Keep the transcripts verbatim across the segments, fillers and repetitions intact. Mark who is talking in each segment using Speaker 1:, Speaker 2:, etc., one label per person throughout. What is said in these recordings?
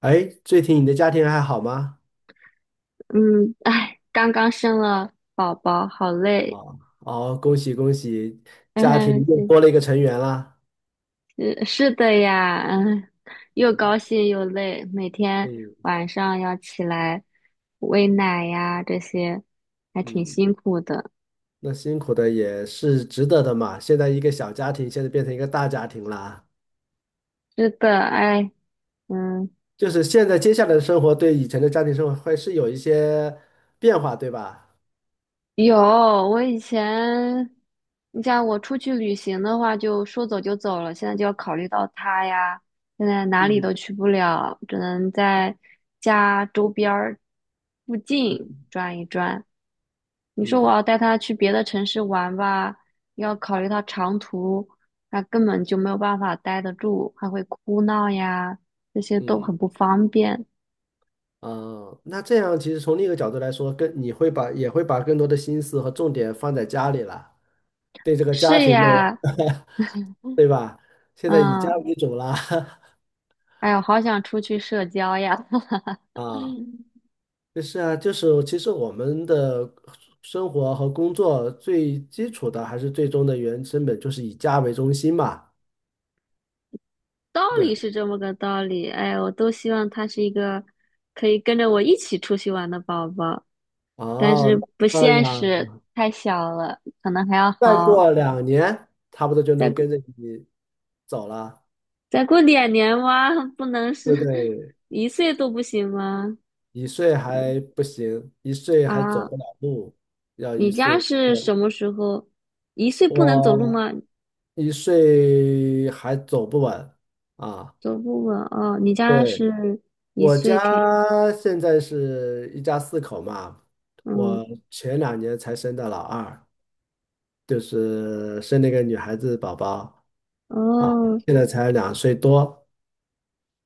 Speaker 1: 哎，最近你的家庭还好吗？
Speaker 2: 嗯，哎，刚刚生了宝宝，好累。
Speaker 1: 啊，哦，恭喜恭喜，家庭
Speaker 2: 嗯，
Speaker 1: 又
Speaker 2: 是
Speaker 1: 多了一个成员啦。
Speaker 2: 是是的呀，嗯，又高兴又累，每天
Speaker 1: 嗯
Speaker 2: 晚上要起来喂奶呀，这些还挺
Speaker 1: 嗯，
Speaker 2: 辛苦的。
Speaker 1: 那辛苦的也是值得的嘛。现在一个小家庭，现在变成一个大家庭啦。
Speaker 2: 是的，哎，嗯。
Speaker 1: 就是现在接下来的生活对以前的家庭生活会是有一些变化，对吧？
Speaker 2: 有，我以前，你像我出去旅行的话，就说走就走了，现在就要考虑到他呀，现在哪里都
Speaker 1: 嗯
Speaker 2: 去不了，只能在家周边儿附近
Speaker 1: 嗯，
Speaker 2: 转一转。你说我
Speaker 1: 嗯
Speaker 2: 要带他去别的城市玩吧，要考虑到长途，他根本就没有办法待得住，还会哭闹呀，这些都
Speaker 1: 嗯，
Speaker 2: 很不方便。
Speaker 1: 哦，那这样其实从另一个角度来说，跟你会把也会把更多的心思和重点放在家里了，对这个家
Speaker 2: 是
Speaker 1: 庭的。
Speaker 2: 呀，
Speaker 1: 对吧？现在以家
Speaker 2: 嗯。
Speaker 1: 为主啦，
Speaker 2: 哎呀，好想出去社交呀！
Speaker 1: 啊，就是啊，就是其实我们的生活和工作最基础的还是最终的原成本就是以家为中心嘛。
Speaker 2: 道
Speaker 1: 对，
Speaker 2: 理是这么个道理，哎，我都希望他是一个可以跟着我一起出去玩的宝宝，但是
Speaker 1: 哦，
Speaker 2: 不
Speaker 1: 那
Speaker 2: 现
Speaker 1: 两
Speaker 2: 实，太小了，可能还要
Speaker 1: 再
Speaker 2: 好，
Speaker 1: 过两年，差不多就
Speaker 2: 再
Speaker 1: 能
Speaker 2: 过
Speaker 1: 跟着你走了，
Speaker 2: 再过两年哇，不能是
Speaker 1: 对不 对？
Speaker 2: 一岁都不行吗？
Speaker 1: 一岁还不行，一岁还走
Speaker 2: 啊，
Speaker 1: 不了路，要一
Speaker 2: 你家
Speaker 1: 岁
Speaker 2: 是
Speaker 1: 后，
Speaker 2: 什么时候？一岁不能走路
Speaker 1: 我
Speaker 2: 吗？
Speaker 1: 一岁还走不稳啊。
Speaker 2: 走不稳哦，你家
Speaker 1: 对。
Speaker 2: 是一
Speaker 1: 我
Speaker 2: 岁
Speaker 1: 家
Speaker 2: 开，
Speaker 1: 现在是一家四口嘛，
Speaker 2: 嗯，
Speaker 1: 我前两年才生的老二，就是生了一个女孩子宝宝啊，
Speaker 2: 哦。
Speaker 1: 现在才两岁多。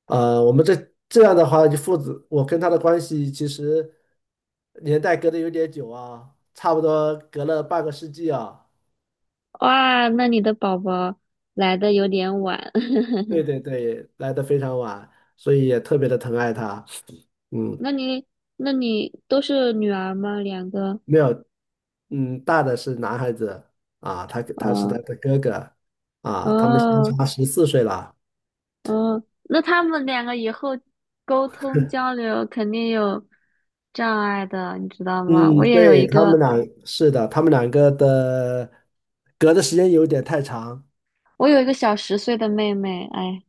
Speaker 1: 呃，我们这这样的话，就父子我跟他的关系其实年代隔得有点久啊，差不多隔了半个世纪啊。
Speaker 2: 哇，那你的宝宝来的有点晚，
Speaker 1: 对 对对，来的非常晚，所以也特别的疼爱他。嗯，
Speaker 2: 那你那你都是女儿吗？两个？
Speaker 1: 没有，嗯，大的是男孩子啊，他他是他
Speaker 2: 嗯
Speaker 1: 的哥哥啊，他们相
Speaker 2: 嗯
Speaker 1: 差十四岁了。
Speaker 2: 嗯，那他们两个以后沟通交流肯定有障碍的，你知道吗？我
Speaker 1: 嗯，
Speaker 2: 也有
Speaker 1: 对，
Speaker 2: 一
Speaker 1: 他们
Speaker 2: 个，
Speaker 1: 俩是的，他们两个的隔的时间有点太长。
Speaker 2: 我有一个小十岁的妹妹，哎，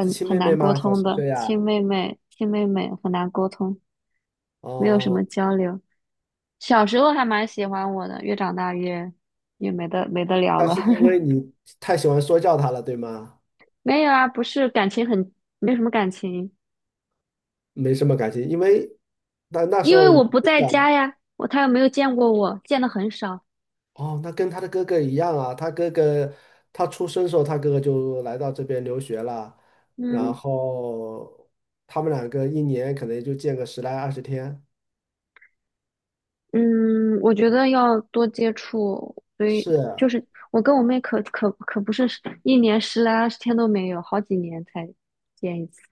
Speaker 1: 是亲
Speaker 2: 很
Speaker 1: 妹妹
Speaker 2: 难沟
Speaker 1: 吗？小
Speaker 2: 通
Speaker 1: 十
Speaker 2: 的，
Speaker 1: 岁
Speaker 2: 亲
Speaker 1: 啊？
Speaker 2: 妹妹，亲妹妹很难沟通，没有什么
Speaker 1: 哦，
Speaker 2: 交流。小时候还蛮喜欢我的，越长大越越没得没得聊
Speaker 1: 那
Speaker 2: 了。
Speaker 1: 是因为 你太喜欢说教他了，对吗？
Speaker 2: 没有啊，不是感情很，没什么感情，
Speaker 1: 没什么感情，因为那那时
Speaker 2: 因为
Speaker 1: 候你
Speaker 2: 我不
Speaker 1: 不
Speaker 2: 在
Speaker 1: 讲
Speaker 2: 家呀，我他又没有见过我，见的很少。
Speaker 1: 哦，那跟他的哥哥一样啊，他哥哥他出生的时候，他哥哥就来到这边留学了，然
Speaker 2: 嗯
Speaker 1: 后他们两个一年可能就见个十来二十天。
Speaker 2: 嗯，我觉得要多接触，所以就
Speaker 1: 是，
Speaker 2: 是我跟我妹可可可不是一年十来二十天都没有，好几年才见一次。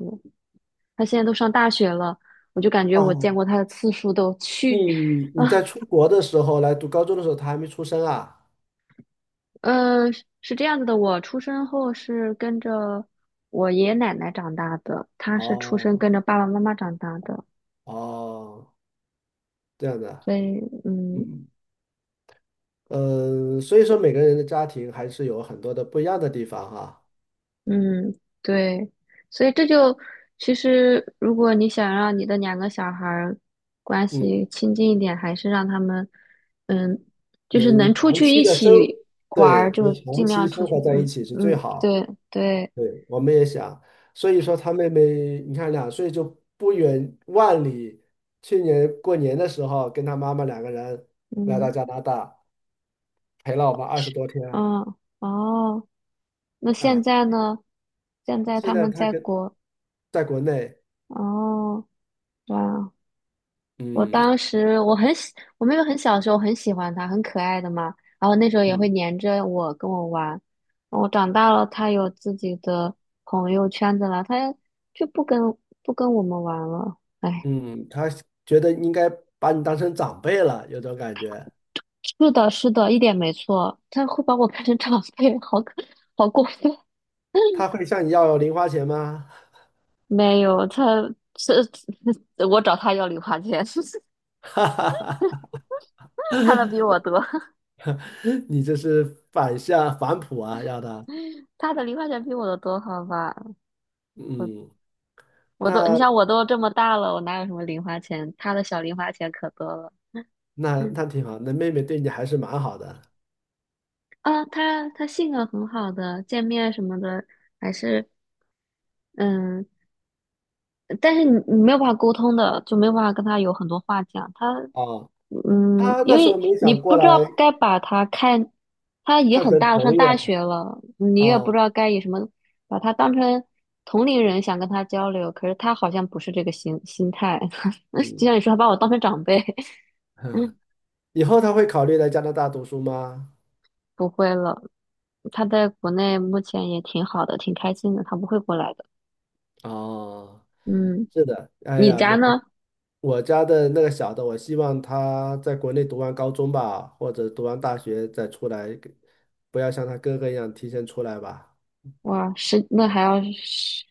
Speaker 2: 她现在都上大学了，我就感觉我见
Speaker 1: 哦，
Speaker 2: 过她的次数都去，
Speaker 1: 你你在出国的时候来读高中的时候，他还没出生啊？
Speaker 2: 呃，是这样子的，我出生后是跟着我爷爷奶奶长大的，她是出生
Speaker 1: 哦
Speaker 2: 跟着爸爸妈妈长大的。
Speaker 1: 哦，这样的，
Speaker 2: 所以，嗯
Speaker 1: 嗯呃，所以说每个人的家庭还是有很多的不一样的地方哈，
Speaker 2: 嗯，对，所以这就其实，如果你想让你的两个小孩儿关
Speaker 1: 嗯，
Speaker 2: 系亲近一点，还是让他们，嗯，就是
Speaker 1: 能
Speaker 2: 能出
Speaker 1: 长
Speaker 2: 去
Speaker 1: 期
Speaker 2: 一
Speaker 1: 的生，
Speaker 2: 起玩
Speaker 1: 对，
Speaker 2: 儿，就
Speaker 1: 能
Speaker 2: 是
Speaker 1: 长
Speaker 2: 尽
Speaker 1: 期
Speaker 2: 量出
Speaker 1: 生
Speaker 2: 去，
Speaker 1: 活在一
Speaker 2: 嗯
Speaker 1: 起是最
Speaker 2: 嗯，
Speaker 1: 好。
Speaker 2: 对对，
Speaker 1: 对，我们也想，所以说他妹妹，你看两岁就不远万里，去年过年的时候跟他妈妈两个人来到
Speaker 2: 嗯
Speaker 1: 加拿大，陪了我们二十
Speaker 2: 是，
Speaker 1: 多天
Speaker 2: 嗯哦，那现
Speaker 1: 啊。
Speaker 2: 在呢？现在
Speaker 1: 现
Speaker 2: 他
Speaker 1: 在
Speaker 2: 们
Speaker 1: 他
Speaker 2: 在
Speaker 1: 跟
Speaker 2: 国，
Speaker 1: 在国内，
Speaker 2: 哦，哇。我
Speaker 1: 嗯
Speaker 2: 当时我很喜，我妹妹很小的时候很喜欢它，很可爱的嘛。然后那时候也会
Speaker 1: 嗯
Speaker 2: 黏着我跟我玩。我长大了，它有自己的朋友圈子了，它就不跟不跟我们玩了。哎，
Speaker 1: 嗯，他觉得应该把你当成长辈了，有种感觉。
Speaker 2: 是的，是的，一点没错。它会把我看成长辈，好可好过分。
Speaker 1: 他 会向你要零花钱吗？
Speaker 2: 没有，它是 我找它要零花钱，
Speaker 1: 哈哈哈哈，
Speaker 2: 它的比我多，
Speaker 1: 你这是反向反哺啊，要的。
Speaker 2: 它的零花钱比我的多，好吧。
Speaker 1: 嗯，
Speaker 2: 我都，你
Speaker 1: 那
Speaker 2: 想我都这么大了，我哪有什么零花钱？他的小零花钱可多了。
Speaker 1: 那
Speaker 2: 嗯，
Speaker 1: 那挺好，那妹妹对你还是蛮好的啊
Speaker 2: 啊，他他性格很好的，见面什么的还是嗯，但是你你没有办法沟通的，就没有办法跟他有很多话讲。他
Speaker 1: 哦。
Speaker 2: 嗯，
Speaker 1: 她
Speaker 2: 因
Speaker 1: 那时候
Speaker 2: 为
Speaker 1: 没
Speaker 2: 你
Speaker 1: 想过
Speaker 2: 不知
Speaker 1: 来
Speaker 2: 道该把他看，他也
Speaker 1: 看
Speaker 2: 很
Speaker 1: 成
Speaker 2: 大了，上
Speaker 1: 朋友
Speaker 2: 大
Speaker 1: 啊，
Speaker 2: 学了，你也不
Speaker 1: 哦
Speaker 2: 知道该以什么把他当成同龄人想跟他交流，可是他好像不是这个心心态，就
Speaker 1: 嗯
Speaker 2: 像你说，他把我当成长辈。
Speaker 1: 嗯，以后她会考虑来加拿大读书吗？
Speaker 2: 不会了，他在国内目前也挺好的，挺开心的，他不会过来的。
Speaker 1: 哦，
Speaker 2: 嗯，
Speaker 1: 是的，哎
Speaker 2: 你
Speaker 1: 呀，
Speaker 2: 家
Speaker 1: 每
Speaker 2: 呢？
Speaker 1: 我家的那个小的，我希望他在国内读完高中吧，或者读完大学再出来，不要像他哥哥一样提前出来吧。
Speaker 2: 哇，十，那还要十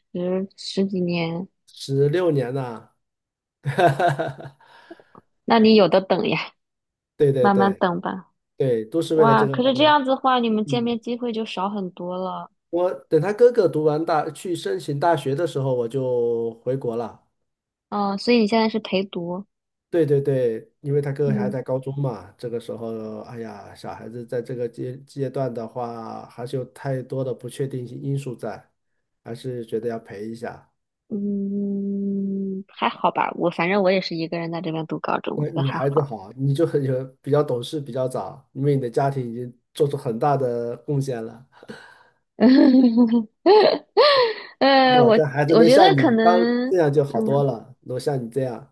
Speaker 2: 十几年，
Speaker 1: 十六年呐、
Speaker 2: 那你有的等呀，
Speaker 1: 对对
Speaker 2: 慢慢
Speaker 1: 对
Speaker 2: 等吧。
Speaker 1: 对，都是为了这
Speaker 2: 哇，
Speaker 1: 个，
Speaker 2: 可是这样子的话，你们见
Speaker 1: 嗯，
Speaker 2: 面机会就少很多了。
Speaker 1: 我等他哥哥读完大，去申请大学的时候，我就回国了。
Speaker 2: 嗯，所以你现在是陪读，
Speaker 1: 对对对，因为他哥哥还
Speaker 2: 嗯
Speaker 1: 在高中嘛，这个时候，哎呀，小孩子在这个阶阶段的话，还是有太多的不确定性因素在，还是觉得要陪一下。
Speaker 2: 嗯，还好吧。我反正我也是一个人在这边读高中，我
Speaker 1: 那
Speaker 2: 觉得
Speaker 1: 女
Speaker 2: 还
Speaker 1: 孩子
Speaker 2: 好。
Speaker 1: 好，你就很有比较懂事，比较早，因为你的家庭已经做出很大的贡献了。
Speaker 2: 呃，
Speaker 1: 那我
Speaker 2: 我
Speaker 1: 这孩子
Speaker 2: 我
Speaker 1: 能
Speaker 2: 觉得
Speaker 1: 像
Speaker 2: 可
Speaker 1: 你当
Speaker 2: 能，
Speaker 1: 这样就好多
Speaker 2: 嗯。
Speaker 1: 了，能像你这样，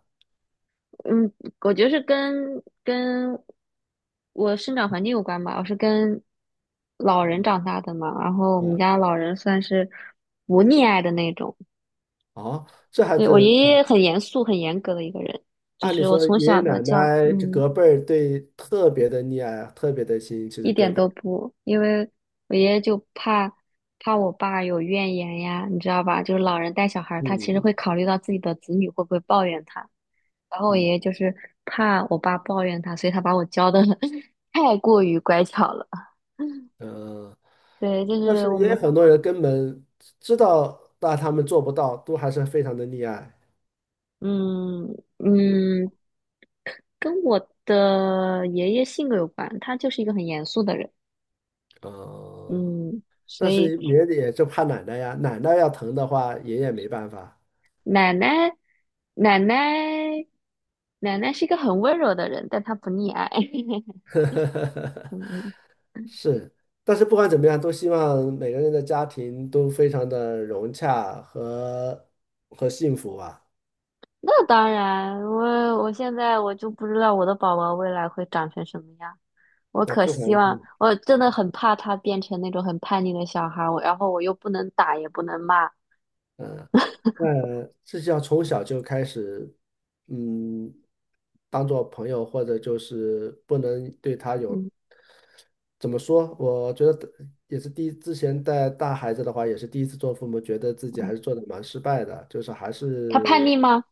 Speaker 2: 嗯，我觉得是跟跟我生长环境有关吧。我是跟老人长大的嘛，然后我们
Speaker 1: 嗯，
Speaker 2: 家老人算是不溺爱的那种。
Speaker 1: 哦，这孩
Speaker 2: 对，我爷
Speaker 1: 子。
Speaker 2: 爷很严肃、很严格的一个人，就
Speaker 1: 按理
Speaker 2: 是我
Speaker 1: 说
Speaker 2: 从
Speaker 1: 爷爷
Speaker 2: 小的
Speaker 1: 奶
Speaker 2: 教，
Speaker 1: 奶这
Speaker 2: 嗯，
Speaker 1: 隔辈儿对特别的溺爱啊，特别的心，其实
Speaker 2: 一
Speaker 1: 隔
Speaker 2: 点
Speaker 1: 辈，
Speaker 2: 都不，因为我爷爷就怕怕我爸有怨言呀，你知道吧？就是老人带小孩儿，他其实
Speaker 1: 嗯
Speaker 2: 会考虑到自己的子女会不会抱怨他。然后我爷
Speaker 1: 嗯
Speaker 2: 爷就是怕我爸抱怨他，所以他把我教的 太过于乖巧了。
Speaker 1: 呃，
Speaker 2: 对，就
Speaker 1: 但
Speaker 2: 是
Speaker 1: 是
Speaker 2: 我
Speaker 1: 也
Speaker 2: 们，
Speaker 1: 有很多人根本知道，但他们做不到，都还是非常的溺爱。
Speaker 2: 嗯嗯，跟我的爷爷性格有关，他就是一个很严肃的人，
Speaker 1: 哦，
Speaker 2: 嗯，所
Speaker 1: 但
Speaker 2: 以
Speaker 1: 是爷爷也就怕奶奶呀，奶奶要疼的话，爷爷没办法。
Speaker 2: 奶奶奶奶奶奶是一个很温柔的人，但她不溺爱，嗯，
Speaker 1: 是，但是不管怎么样，都希望每个人的家庭都非常的融洽和和幸福吧。
Speaker 2: 那当然，我我现在我就不知道我的宝宝未来会长成什么样。我
Speaker 1: 那
Speaker 2: 可
Speaker 1: 不管
Speaker 2: 希望，我真的很怕他变成那种很叛逆的小孩儿，我然后我又不能打也不能骂，
Speaker 1: 嗯，那这就要从小就开始，嗯，当做朋友，或者就是不能对他有，
Speaker 2: 嗯
Speaker 1: 怎么说？我觉得也是第一，之前带大孩子的话，也是第一次做父母，觉得自己还
Speaker 2: 嗯，
Speaker 1: 是做的蛮失败的，就是还
Speaker 2: 他叛
Speaker 1: 是
Speaker 2: 逆吗？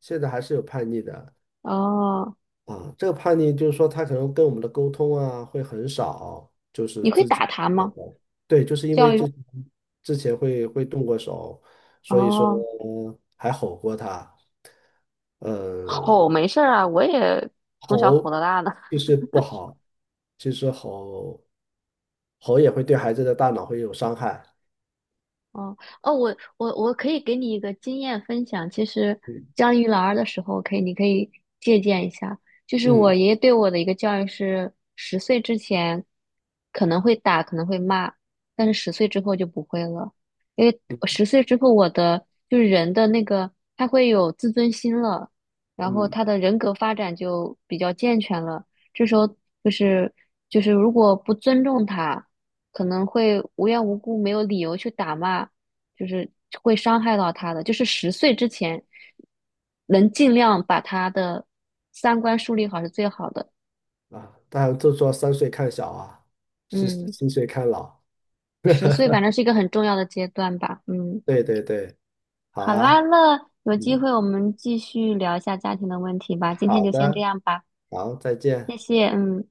Speaker 1: 现在还是有叛逆的，
Speaker 2: 哦，
Speaker 1: 啊，这个叛逆就是说他可能跟我们的沟通啊会很少，就是
Speaker 2: 你会
Speaker 1: 自
Speaker 2: 打
Speaker 1: 己
Speaker 2: 他
Speaker 1: 那
Speaker 2: 吗？
Speaker 1: 个，对，就是因为
Speaker 2: 教育，
Speaker 1: 之之前会会动过手，所以说
Speaker 2: 哦，
Speaker 1: 还吼过他，呃，
Speaker 2: 吼没事儿啊，我也从小吼
Speaker 1: 吼
Speaker 2: 到大的。
Speaker 1: 其实不好，其实吼吼也会对孩子的大脑会有伤害，
Speaker 2: 哦哦，我我我可以给你一个经验分享。其实
Speaker 1: 嗯
Speaker 2: 教育老二的时候，可以你可以借鉴一下。就是我
Speaker 1: 嗯
Speaker 2: 爷爷对我的一个教育是，十岁之前可能会打，可能会骂，但是十岁之后就不会了。因为
Speaker 1: 嗯
Speaker 2: 十岁之后，我的就是人的那个他会有自尊心了，然后
Speaker 1: 嗯
Speaker 2: 他的人格发展就比较健全了。这时候就是就是如果不尊重他，可能会无缘无故没有理由去打骂，就是会伤害到他的。就是十岁之前，能尽量把他的三观树立好是最好的。
Speaker 1: 啊，当然就说三岁看小啊，十
Speaker 2: 嗯，
Speaker 1: 七岁看老，
Speaker 2: 十岁反正是一个很重要的阶段吧。嗯，
Speaker 1: 对对对，好
Speaker 2: 好
Speaker 1: 啊。
Speaker 2: 啦，那有机
Speaker 1: 嗯。
Speaker 2: 会我们继续聊一下家庭的问题吧。今天
Speaker 1: 好
Speaker 2: 就先这
Speaker 1: 的，
Speaker 2: 样吧，
Speaker 1: 好，再
Speaker 2: 谢
Speaker 1: 见。
Speaker 2: 谢。嗯。